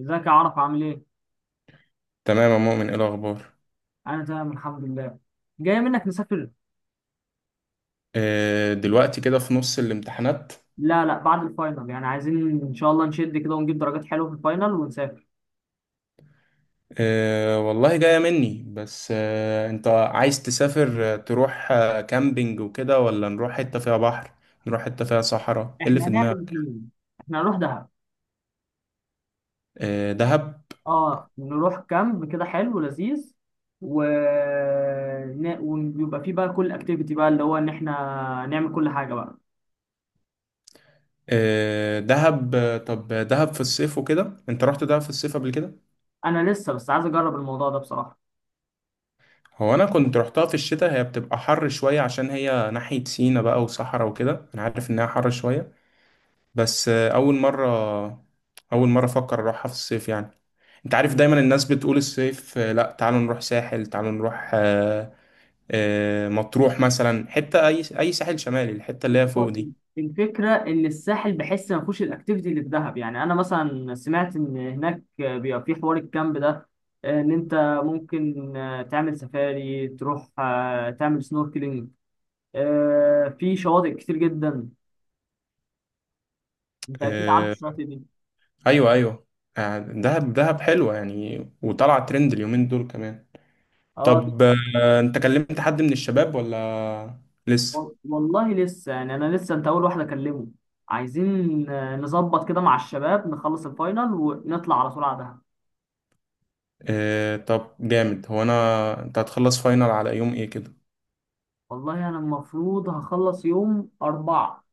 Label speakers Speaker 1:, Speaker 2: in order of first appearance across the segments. Speaker 1: ازيك يا عرف عامل ايه؟
Speaker 2: تمام يا مؤمن، ايه الاخبار؟
Speaker 1: انا تمام الحمد لله. جاي منك نسافر؟
Speaker 2: دلوقتي كده في نص الامتحانات.
Speaker 1: لا لا، بعد الفاينل، يعني عايزين ان شاء الله نشد كده ونجيب درجات حلوه في الفاينل ونسافر.
Speaker 2: والله جاية مني، بس انت عايز تسافر، تروح كامبينج وكده، ولا نروح حتة فيها بحر؟ نروح حتة فيها صحراء؟ ايه اللي
Speaker 1: احنا
Speaker 2: في
Speaker 1: هنعمل
Speaker 2: دماغك؟
Speaker 1: الاثنين، احنا هنروح دهب.
Speaker 2: دهب.
Speaker 1: اه، نروح كامب كده حلو ولذيذ و... ن- ويبقى فيه بقى كل اكتيفيتي بقى اللي هو ان احنا نعمل كل حاجه بقى.
Speaker 2: دهب. طب دهب في الصيف وكده، انت رحت دهب في الصيف قبل كده؟
Speaker 1: انا لسه بس عايز اجرب الموضوع ده بصراحه.
Speaker 2: هو انا كنت رحتها في الشتاء، هي بتبقى حر شوية عشان هي ناحية سينا بقى وصحراء وكده، انا عارف انها حر شوية. بس اول مره، اول مره افكر اروحها في الصيف يعني. انت عارف دايما الناس بتقول الصيف، لا تعالوا نروح ساحل، تعالوا نروح مطروح مثلا، حته اي ساحل شمالي، الحته اللي هي
Speaker 1: هو
Speaker 2: فوق دي.
Speaker 1: الفكرة إن الساحل بحس ما فيهوش الأكتيفيتي اللي في دهب، يعني أنا مثلا سمعت إن هناك بيبقى في حوار الكامب ده، إن أنت ممكن تعمل سفاري، تروح تعمل سنوركلينج في شواطئ كتير جدا. أنت أكيد عارف
Speaker 2: آه،
Speaker 1: الشواطئ دي.
Speaker 2: ايوه ايوه. دهب دهب حلوه يعني، وطلع ترند اليومين دول كمان.
Speaker 1: أه،
Speaker 2: طب، انت كلمت حد من الشباب ولا؟ لسه؟
Speaker 1: والله لسه، يعني أنا لسه، أنت أول واحد أكلمه. عايزين نظبط كده مع الشباب، نخلص الفاينل ونطلع على طول على دهب.
Speaker 2: طب جامد. هو انا، انت هتخلص فاينل على يوم ايه كده؟
Speaker 1: والله أنا المفروض هخلص يوم 4.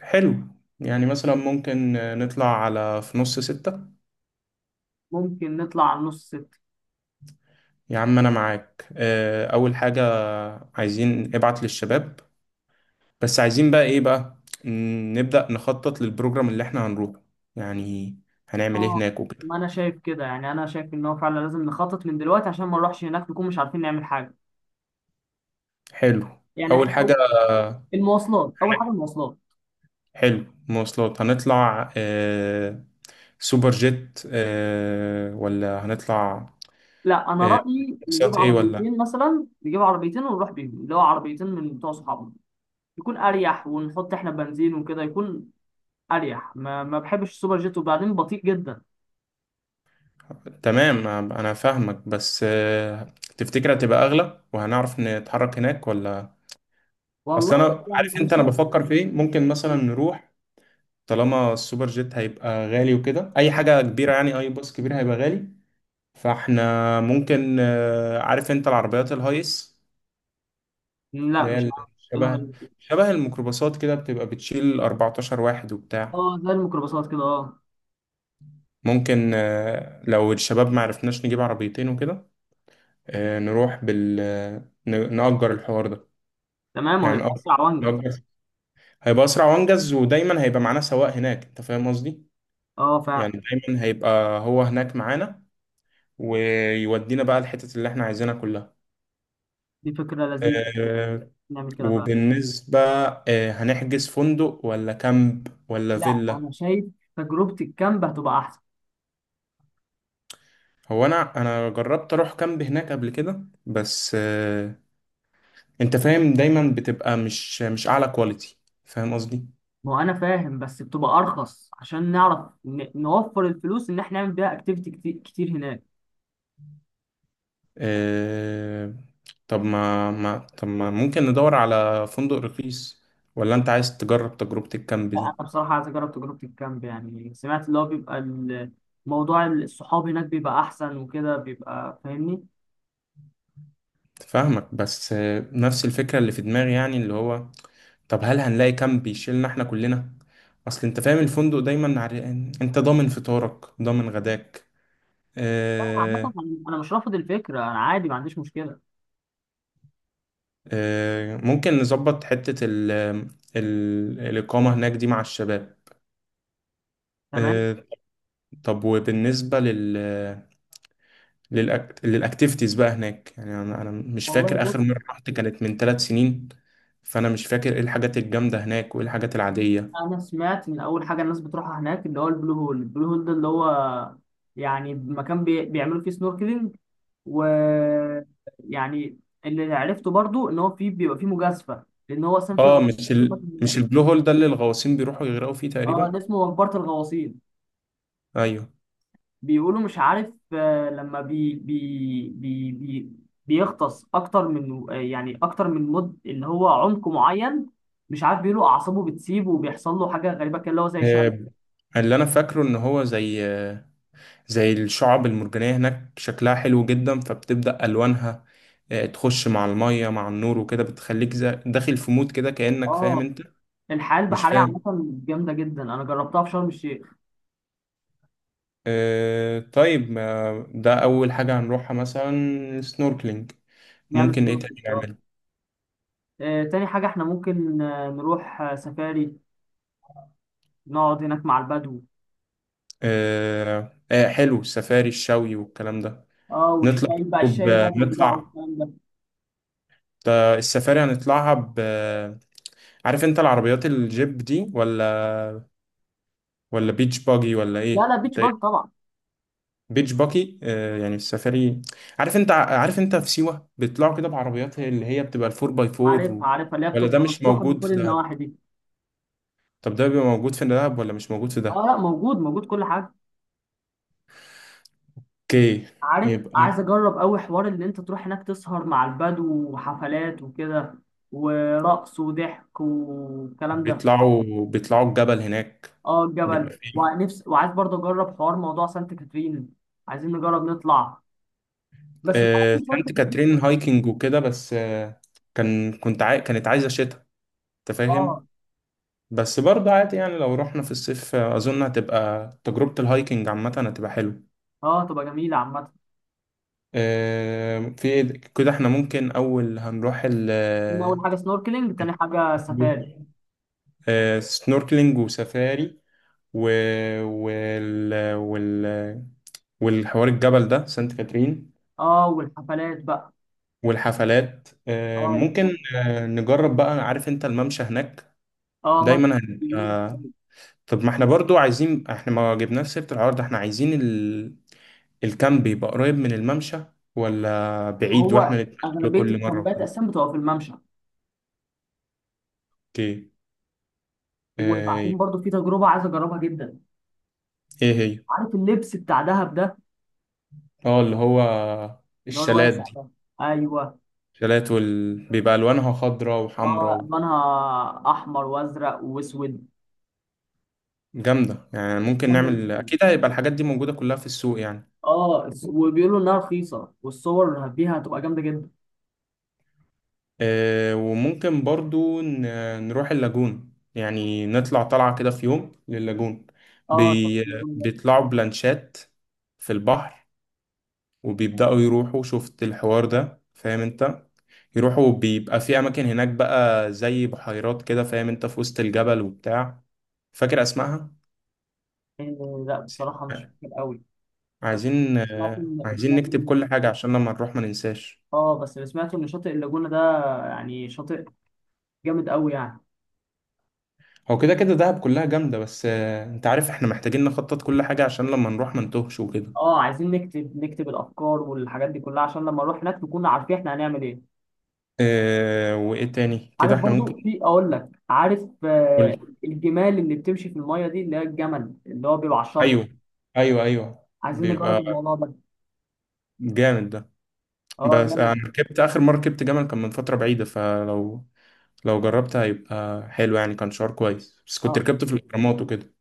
Speaker 2: حلو. يعني مثلا ممكن نطلع على في نص ستة.
Speaker 1: ممكن نطلع على 6:30.
Speaker 2: يا عم أنا معاك. أول حاجة، عايزين ابعت للشباب، بس عايزين بقى إيه بقى. نبدأ نخطط للبروجرام اللي إحنا هنروحه، يعني هنعمل إيه
Speaker 1: اه،
Speaker 2: هناك وكده.
Speaker 1: ما انا شايف كده، يعني انا شايف ان هو فعلا لازم نخطط من دلوقتي عشان ما نروحش هناك نكون مش عارفين نعمل حاجه.
Speaker 2: حلو.
Speaker 1: يعني
Speaker 2: أول
Speaker 1: احنا
Speaker 2: حاجة.
Speaker 1: أو المواصلات، اول حاجه المواصلات.
Speaker 2: حلو، مواصلات. هنطلع سوبر جيت ولا هنطلع
Speaker 1: لا، انا
Speaker 2: آه،
Speaker 1: رايي نجيب
Speaker 2: باصات، إيه ولا؟
Speaker 1: عربيتين مثلا، نجيب عربيتين ونروح بيهم، اللي هو عربيتين من بتوع صحابنا، يكون اريح ونحط احنا بنزين وكده، يكون اريح. ما بحبش السوبر جيت، وبعدين بطيء جدا.
Speaker 2: تمام. انا فاهمك، بس تفتكر هتبقى اغلى وهنعرف نتحرك هناك ولا؟ اصل
Speaker 1: والله،
Speaker 2: انا
Speaker 1: يعني
Speaker 2: عارف
Speaker 1: انا
Speaker 2: انت، انا
Speaker 1: شايف.
Speaker 2: بفكر في ايه. ممكن مثلا نروح، طالما السوبر جيت هيبقى غالي وكده، اي حاجه كبيره يعني اي باص كبير هيبقى غالي، فاحنا ممكن عارف انت العربيات الهايس؟
Speaker 1: لا
Speaker 2: اللي هي
Speaker 1: مش عارف. إيه
Speaker 2: شبه،
Speaker 1: الهايبر ده؟
Speaker 2: شبه الميكروباصات كده، بتبقى بتشيل 14 واحد وبتاع.
Speaker 1: اه زي الميكروباصات كده، اه.
Speaker 2: ممكن لو الشباب معرفناش نجيب عربيتين وكده، نروح بال نأجر الحوار ده.
Speaker 1: تمام،
Speaker 2: يعني
Speaker 1: وهيبقى اسرع وانجز.
Speaker 2: نأجر، هيبقى أسرع وأنجز، ودايما هيبقى معانا سواق هناك، أنت فاهم قصدي؟
Speaker 1: اه
Speaker 2: يعني
Speaker 1: فعلا.
Speaker 2: دايما هيبقى هو هناك معانا، ويودينا بقى الحتت اللي احنا عايزينها كلها.
Speaker 1: دي فكره لذيذه،
Speaker 2: آه،
Speaker 1: نعمل كده فعلا.
Speaker 2: وبالنسبة، هنحجز فندق ولا كامب ولا
Speaker 1: لا، انا
Speaker 2: فيلا؟
Speaker 1: شايف تجربة الكامب هتبقى احسن.
Speaker 2: هو أنا جربت أروح كامب هناك قبل كده، بس أنت فاهم، دايما بتبقى مش أعلى كواليتي. فاهم قصدي؟
Speaker 1: ما هو انا فاهم، بس بتبقى ارخص عشان نعرف نوفر الفلوس ان احنا نعمل بيها اكتيفيتي كتير، كتير هناك.
Speaker 2: آه، طب ما ممكن ندور على فندق رخيص، ولا انت عايز تجرب تجربة الكامب
Speaker 1: لا، انا
Speaker 2: دي؟
Speaker 1: بصراحة عايز اجرب تجربة الكامب، يعني سمعت اللي هو بيبقى موضوع الصحاب هناك بيبقى احسن وكده، بيبقى فاهمني.
Speaker 2: فاهمك، بس نفس الفكرة اللي في دماغي، يعني اللي هو، طب هل هنلاقي كامب يشيلنا احنا كلنا؟ اصل انت فاهم الفندق دايما عرقان، انت ضامن فطارك ضامن غداك.
Speaker 1: لا، عامة
Speaker 2: آه،
Speaker 1: انا مش رافض الفكرة، انا عادي ما عنديش مشكلة.
Speaker 2: ممكن نظبط حتة ال، ال الإقامة هناك دي مع الشباب.
Speaker 1: تمام.
Speaker 2: آه، طب وبالنسبة لل، للأكتيفيتيز بقى هناك، يعني أنا مش
Speaker 1: والله
Speaker 2: فاكر آخر
Speaker 1: بص،
Speaker 2: مرة رحت كانت من 3 سنين، فأنا مش فاكر إيه الحاجات الجامدة هناك وإيه الحاجات العادية.
Speaker 1: انا سمعت ان اول حاجة الناس بتروحها هناك اللي هو البلو هول. البلو هول ده اللي هو يعني مكان بيعملوا فيه سنوركلينج. ويعني اللي عرفته برضو ان هو في بيبقى في مجازفه، لان هو اصلا في.
Speaker 2: مش البلو هول ده اللي الغواصين بيروحوا يغرقوا فيه
Speaker 1: اه،
Speaker 2: تقريبا؟
Speaker 1: ده اسمه مقبره الغواصين.
Speaker 2: أيوه.
Speaker 1: بيقولوا مش عارف، لما بي بي بي بي بيغطس اكتر من، يعني اكتر من مد، اللي هو عمق معين، مش عارف، بيقولوا اعصابه بتسيب وبيحصل له حاجه غريبه كده اللي هو زي شلل.
Speaker 2: آه، اللي أنا فاكره إن هو زي زي الشعب المرجانية، هناك شكلها حلو جدا، فبتبدأ ألوانها تخش مع المية مع النور وكده، بتخليك داخل في مود كده، كأنك فاهم
Speaker 1: اه،
Speaker 2: أنت.
Speaker 1: الحياه
Speaker 2: مش
Speaker 1: البحريه عامه
Speaker 2: فاهم.
Speaker 1: جامده جدا، انا جربتها في شرم الشيخ.
Speaker 2: طيب ما ده أول حاجة هنروحها، مثلا سنوركلينج.
Speaker 1: نعمل
Speaker 2: ممكن
Speaker 1: سنة
Speaker 2: إيه
Speaker 1: في
Speaker 2: تاني
Speaker 1: الدار.
Speaker 2: نعمل؟
Speaker 1: تاني حاجه احنا ممكن نروح سفاري، نقعد هناك مع البدو.
Speaker 2: حلو السفاري الشوي والكلام ده.
Speaker 1: اه،
Speaker 2: نطلع،
Speaker 1: والشاي بقى،
Speaker 2: طب
Speaker 1: الشاي البدوي بقى،
Speaker 2: نطلع
Speaker 1: والكلام ده.
Speaker 2: ده السفاري هنطلعها ب، عارف أنت العربيات الجيب دي؟ ولا ولا بيتش باجي ولا
Speaker 1: لا
Speaker 2: إيه؟
Speaker 1: لا، بيتش
Speaker 2: أنت
Speaker 1: باجي
Speaker 2: إيه؟
Speaker 1: طبعا.
Speaker 2: بيتش باجي. يعني السفاري. عارف أنت في سيوة بيطلعوا كده بعربيات اللي هي بتبقى الفور باي
Speaker 1: عارفها
Speaker 2: فور.
Speaker 1: عارفها، اللي هي
Speaker 2: ولا ده
Speaker 1: بتبقى
Speaker 2: مش
Speaker 1: مفتوحه من
Speaker 2: موجود
Speaker 1: كل
Speaker 2: في دهب؟
Speaker 1: النواحي دي.
Speaker 2: طب ده بيبقى موجود في دهب ولا مش موجود في
Speaker 1: اه
Speaker 2: دهب؟
Speaker 1: لا، موجود موجود، كل حاجه.
Speaker 2: اوكي
Speaker 1: عارف، عايز
Speaker 2: يبقى.
Speaker 1: اجرب قوي حوار اللي انت تروح هناك تسهر مع البدو، وحفلات وكده، ورقص وضحك والكلام ده.
Speaker 2: بيطلعوا الجبل هناك،
Speaker 1: اه، الجبل،
Speaker 2: بيبقى فيه
Speaker 1: ونفس وعايز برضه اجرب حوار موضوع سانت كاترين. عايزين نجرب نطلع، بس لا. سانت
Speaker 2: سانت
Speaker 1: كاترين
Speaker 2: كاترين هايكنج وكده، بس كانت عايزة شتاء، انت
Speaker 1: اه
Speaker 2: فاهم. بس برضه عادي يعني، لو رحنا في الصيف اظن هتبقى تجربة الهايكنج عامة، هتبقى حلوة.
Speaker 1: اه، تبقى جميله عامه.
Speaker 2: في إيه كده، احنا ممكن اول هنروح ال،
Speaker 1: اول حاجه سنوركلينج، تاني حاجه سفاري.
Speaker 2: سنوركلينج وسفاري، و... وال... وال... والحوار الجبل ده سانت كاترين.
Speaker 1: اه، والحفلات بقى.
Speaker 2: والحفلات
Speaker 1: اه
Speaker 2: ممكن نجرب بقى. عارف انت الممشى هناك؟
Speaker 1: اه، ممشى.
Speaker 2: دايما هن... آه، طب ما احنا برضو عايزين، احنا ما جبناش سيرة العرض، احنا عايزين الكامب يبقى قريب من الممشى، ولا بعيد
Speaker 1: هو
Speaker 2: واحنا نتمشى له
Speaker 1: اغلبيه
Speaker 2: كل مرة
Speaker 1: الكامبات
Speaker 2: وكده؟
Speaker 1: اساسا بتبقى في الممشى.
Speaker 2: اوكي. آه،
Speaker 1: وبعدين برضو في تجربه عايز اجربها جدا.
Speaker 2: ايه هي؟
Speaker 1: عارف اللبس بتاع دهب ده،
Speaker 2: اه، اللي هو،
Speaker 1: اللي هو
Speaker 2: الشالات
Speaker 1: الواسع
Speaker 2: دي.
Speaker 1: ده؟ ايوه.
Speaker 2: الشالات بيبقى الوانها خضراء وحمراء
Speaker 1: اه، الوانها احمر وازرق واسود،
Speaker 2: جامدة يعني، ممكن
Speaker 1: جامده
Speaker 2: نعمل،
Speaker 1: جدا.
Speaker 2: اكيد هيبقى الحاجات دي موجودة كلها في السوق يعني.
Speaker 1: اه وبيقولوا انها رخيصه، والصور اللي فيها هتبقى جامده جدا.
Speaker 2: وممكن برضو نروح اللاجون، يعني نطلع طلعة كده في يوم لللاجون.
Speaker 1: اه
Speaker 2: بي... بيطلعوا بلانشات في البحر، وبيبدأوا يروحوا، شفت الحوار ده فاهم انت؟ يروحوا بيبقى في أماكن هناك بقى زي بحيرات كده، فاهم انت، في وسط الجبل وبتاع. فاكر أسمائها؟
Speaker 1: لا بصراحه مش فاكر قوي. بس
Speaker 2: عايزين
Speaker 1: سمعت
Speaker 2: آه،
Speaker 1: ان
Speaker 2: عايزين
Speaker 1: سمعت
Speaker 2: نكتب
Speaker 1: ان
Speaker 2: كل حاجة عشان لما نروح ما ننساش.
Speaker 1: اه بس اللي سمعته ان شاطئ اللاجونه ده، يعني شاطئ جامد قوي يعني.
Speaker 2: هو كده كده دهب كلها جامدة، بس انت عارف احنا محتاجين نخطط كل حاجة عشان لما نروح ما نتوهش وكده.
Speaker 1: اه، عايزين نكتب الافكار والحاجات دي كلها عشان لما نروح هناك نكون عارفين احنا هنعمل ايه.
Speaker 2: اه، وايه تاني كده
Speaker 1: عارف
Speaker 2: احنا
Speaker 1: برضو
Speaker 2: ممكن
Speaker 1: في، اقول لك، عارف،
Speaker 2: نقول؟
Speaker 1: الجمال اللي بتمشي في الميه دي اللي هي الجمل اللي هو بيبقى على الشط.
Speaker 2: ايوه، ايوه ايوه،
Speaker 1: عايزين نجرب
Speaker 2: بيبقى
Speaker 1: الموضوع ده.
Speaker 2: جامد ده.
Speaker 1: اه
Speaker 2: بس انا
Speaker 1: جامد.
Speaker 2: ركبت، اخر مرة ركبت جمل كان من فترة بعيدة، فلو لو جربت هيبقى حلو، يعني كان شعور كويس، بس كنت
Speaker 1: اه
Speaker 2: ركبت في الاهرامات وكده.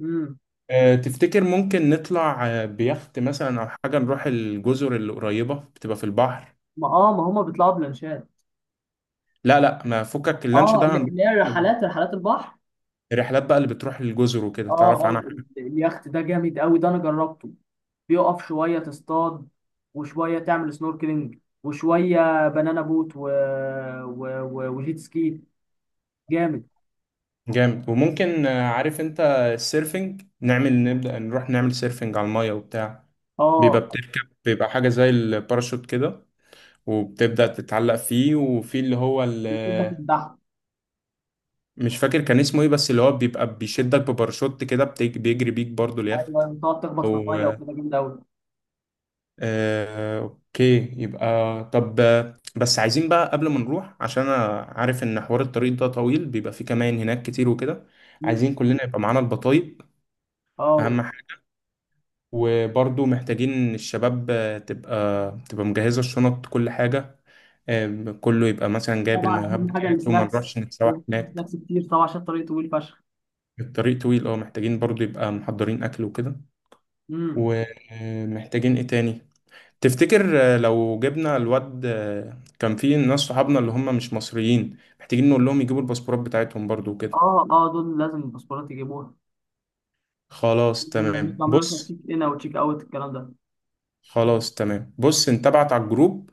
Speaker 1: امم
Speaker 2: تفتكر ممكن نطلع بيخت مثلا او حاجة، نروح الجزر اللي قريبة بتبقى في البحر؟
Speaker 1: ما اه ما هما بيطلعوا بلانشات.
Speaker 2: لا لا، ما فكك، اللانش
Speaker 1: اه
Speaker 2: ده
Speaker 1: اللي
Speaker 2: هنروح،
Speaker 1: اللي هي الرحلات، رحلات البحر.
Speaker 2: الرحلات بقى اللي بتروح للجزر وكده،
Speaker 1: اه
Speaker 2: تعرف عنها
Speaker 1: اه،
Speaker 2: حاجة؟
Speaker 1: اليخت ده جامد قوي، ده انا جربته. بيقف شويه تصطاد، وشويه تعمل سنوركلينج، وشويه بنانا بوت وجيت سكي. جامد.
Speaker 2: جامد. وممكن عارف انت السيرفنج، نعمل نبدأ نروح نعمل سيرفنج على المية وبتاع. بيبقى
Speaker 1: اه
Speaker 2: بتركب، بيبقى حاجة زي الباراشوت كده، وبتبدأ تتعلق فيه، وفي اللي
Speaker 1: الجيت ده في البحر.
Speaker 2: مش فاكر كان اسمه ايه، بس اللي هو بيبقى بيشدك بباراشوت كده، بيجري بيك برضو اليخت.
Speaker 1: ايوه، تقعد تخبط في الميه وكده، جامد قوي.
Speaker 2: اوكي يبقى. طب بس عايزين بقى قبل ما نروح، عشان انا عارف ان حوار الطريق ده طويل بيبقى فيه كمان هناك كتير وكده. عايزين كلنا يبقى معانا البطايق،
Speaker 1: اه
Speaker 2: اهم حاجة. وبرضو محتاجين الشباب تبقى مجهزة الشنط، كل حاجة. كله يبقى مثلا جايب
Speaker 1: طبعا،
Speaker 2: المايوهات
Speaker 1: اهم حاجه
Speaker 2: بتاعته، وما
Speaker 1: السناكس،
Speaker 2: نروحش نتسوح
Speaker 1: لازم تجيب
Speaker 2: هناك.
Speaker 1: سناكس كتير طبعا عشان الطريق طويل فشخ.
Speaker 2: الطريق طويل، اه محتاجين برضو يبقى محضرين اكل وكده.
Speaker 1: امم
Speaker 2: ومحتاجين ايه تاني؟ تفتكر لو جبنا الواد كان في ناس صحابنا اللي هم مش مصريين، محتاجين نقول لهم يجيبوا الباسبورات بتاعتهم برضو وكده؟
Speaker 1: اه اه، دول لازم الباسبورات يجيبوها
Speaker 2: خلاص
Speaker 1: لما
Speaker 2: تمام
Speaker 1: يبقى عملنا مثلا
Speaker 2: بص.
Speaker 1: تشيك ان او تشيك اوت الكلام ده.
Speaker 2: خلاص تمام بص، انت ابعت على الجروب،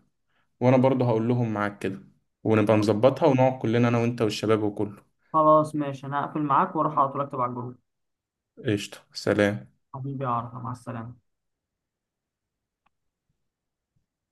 Speaker 2: وانا برضو هقول لهم معاك كده، ونبقى نظبطها ونقعد كلنا انا وانت والشباب وكله.
Speaker 1: خلاص ماشي، انا هقفل معاك واروح على طول اكتب على الجروب.
Speaker 2: قشطة، سلام.
Speaker 1: حبيبي يا عرفة مع السلامة.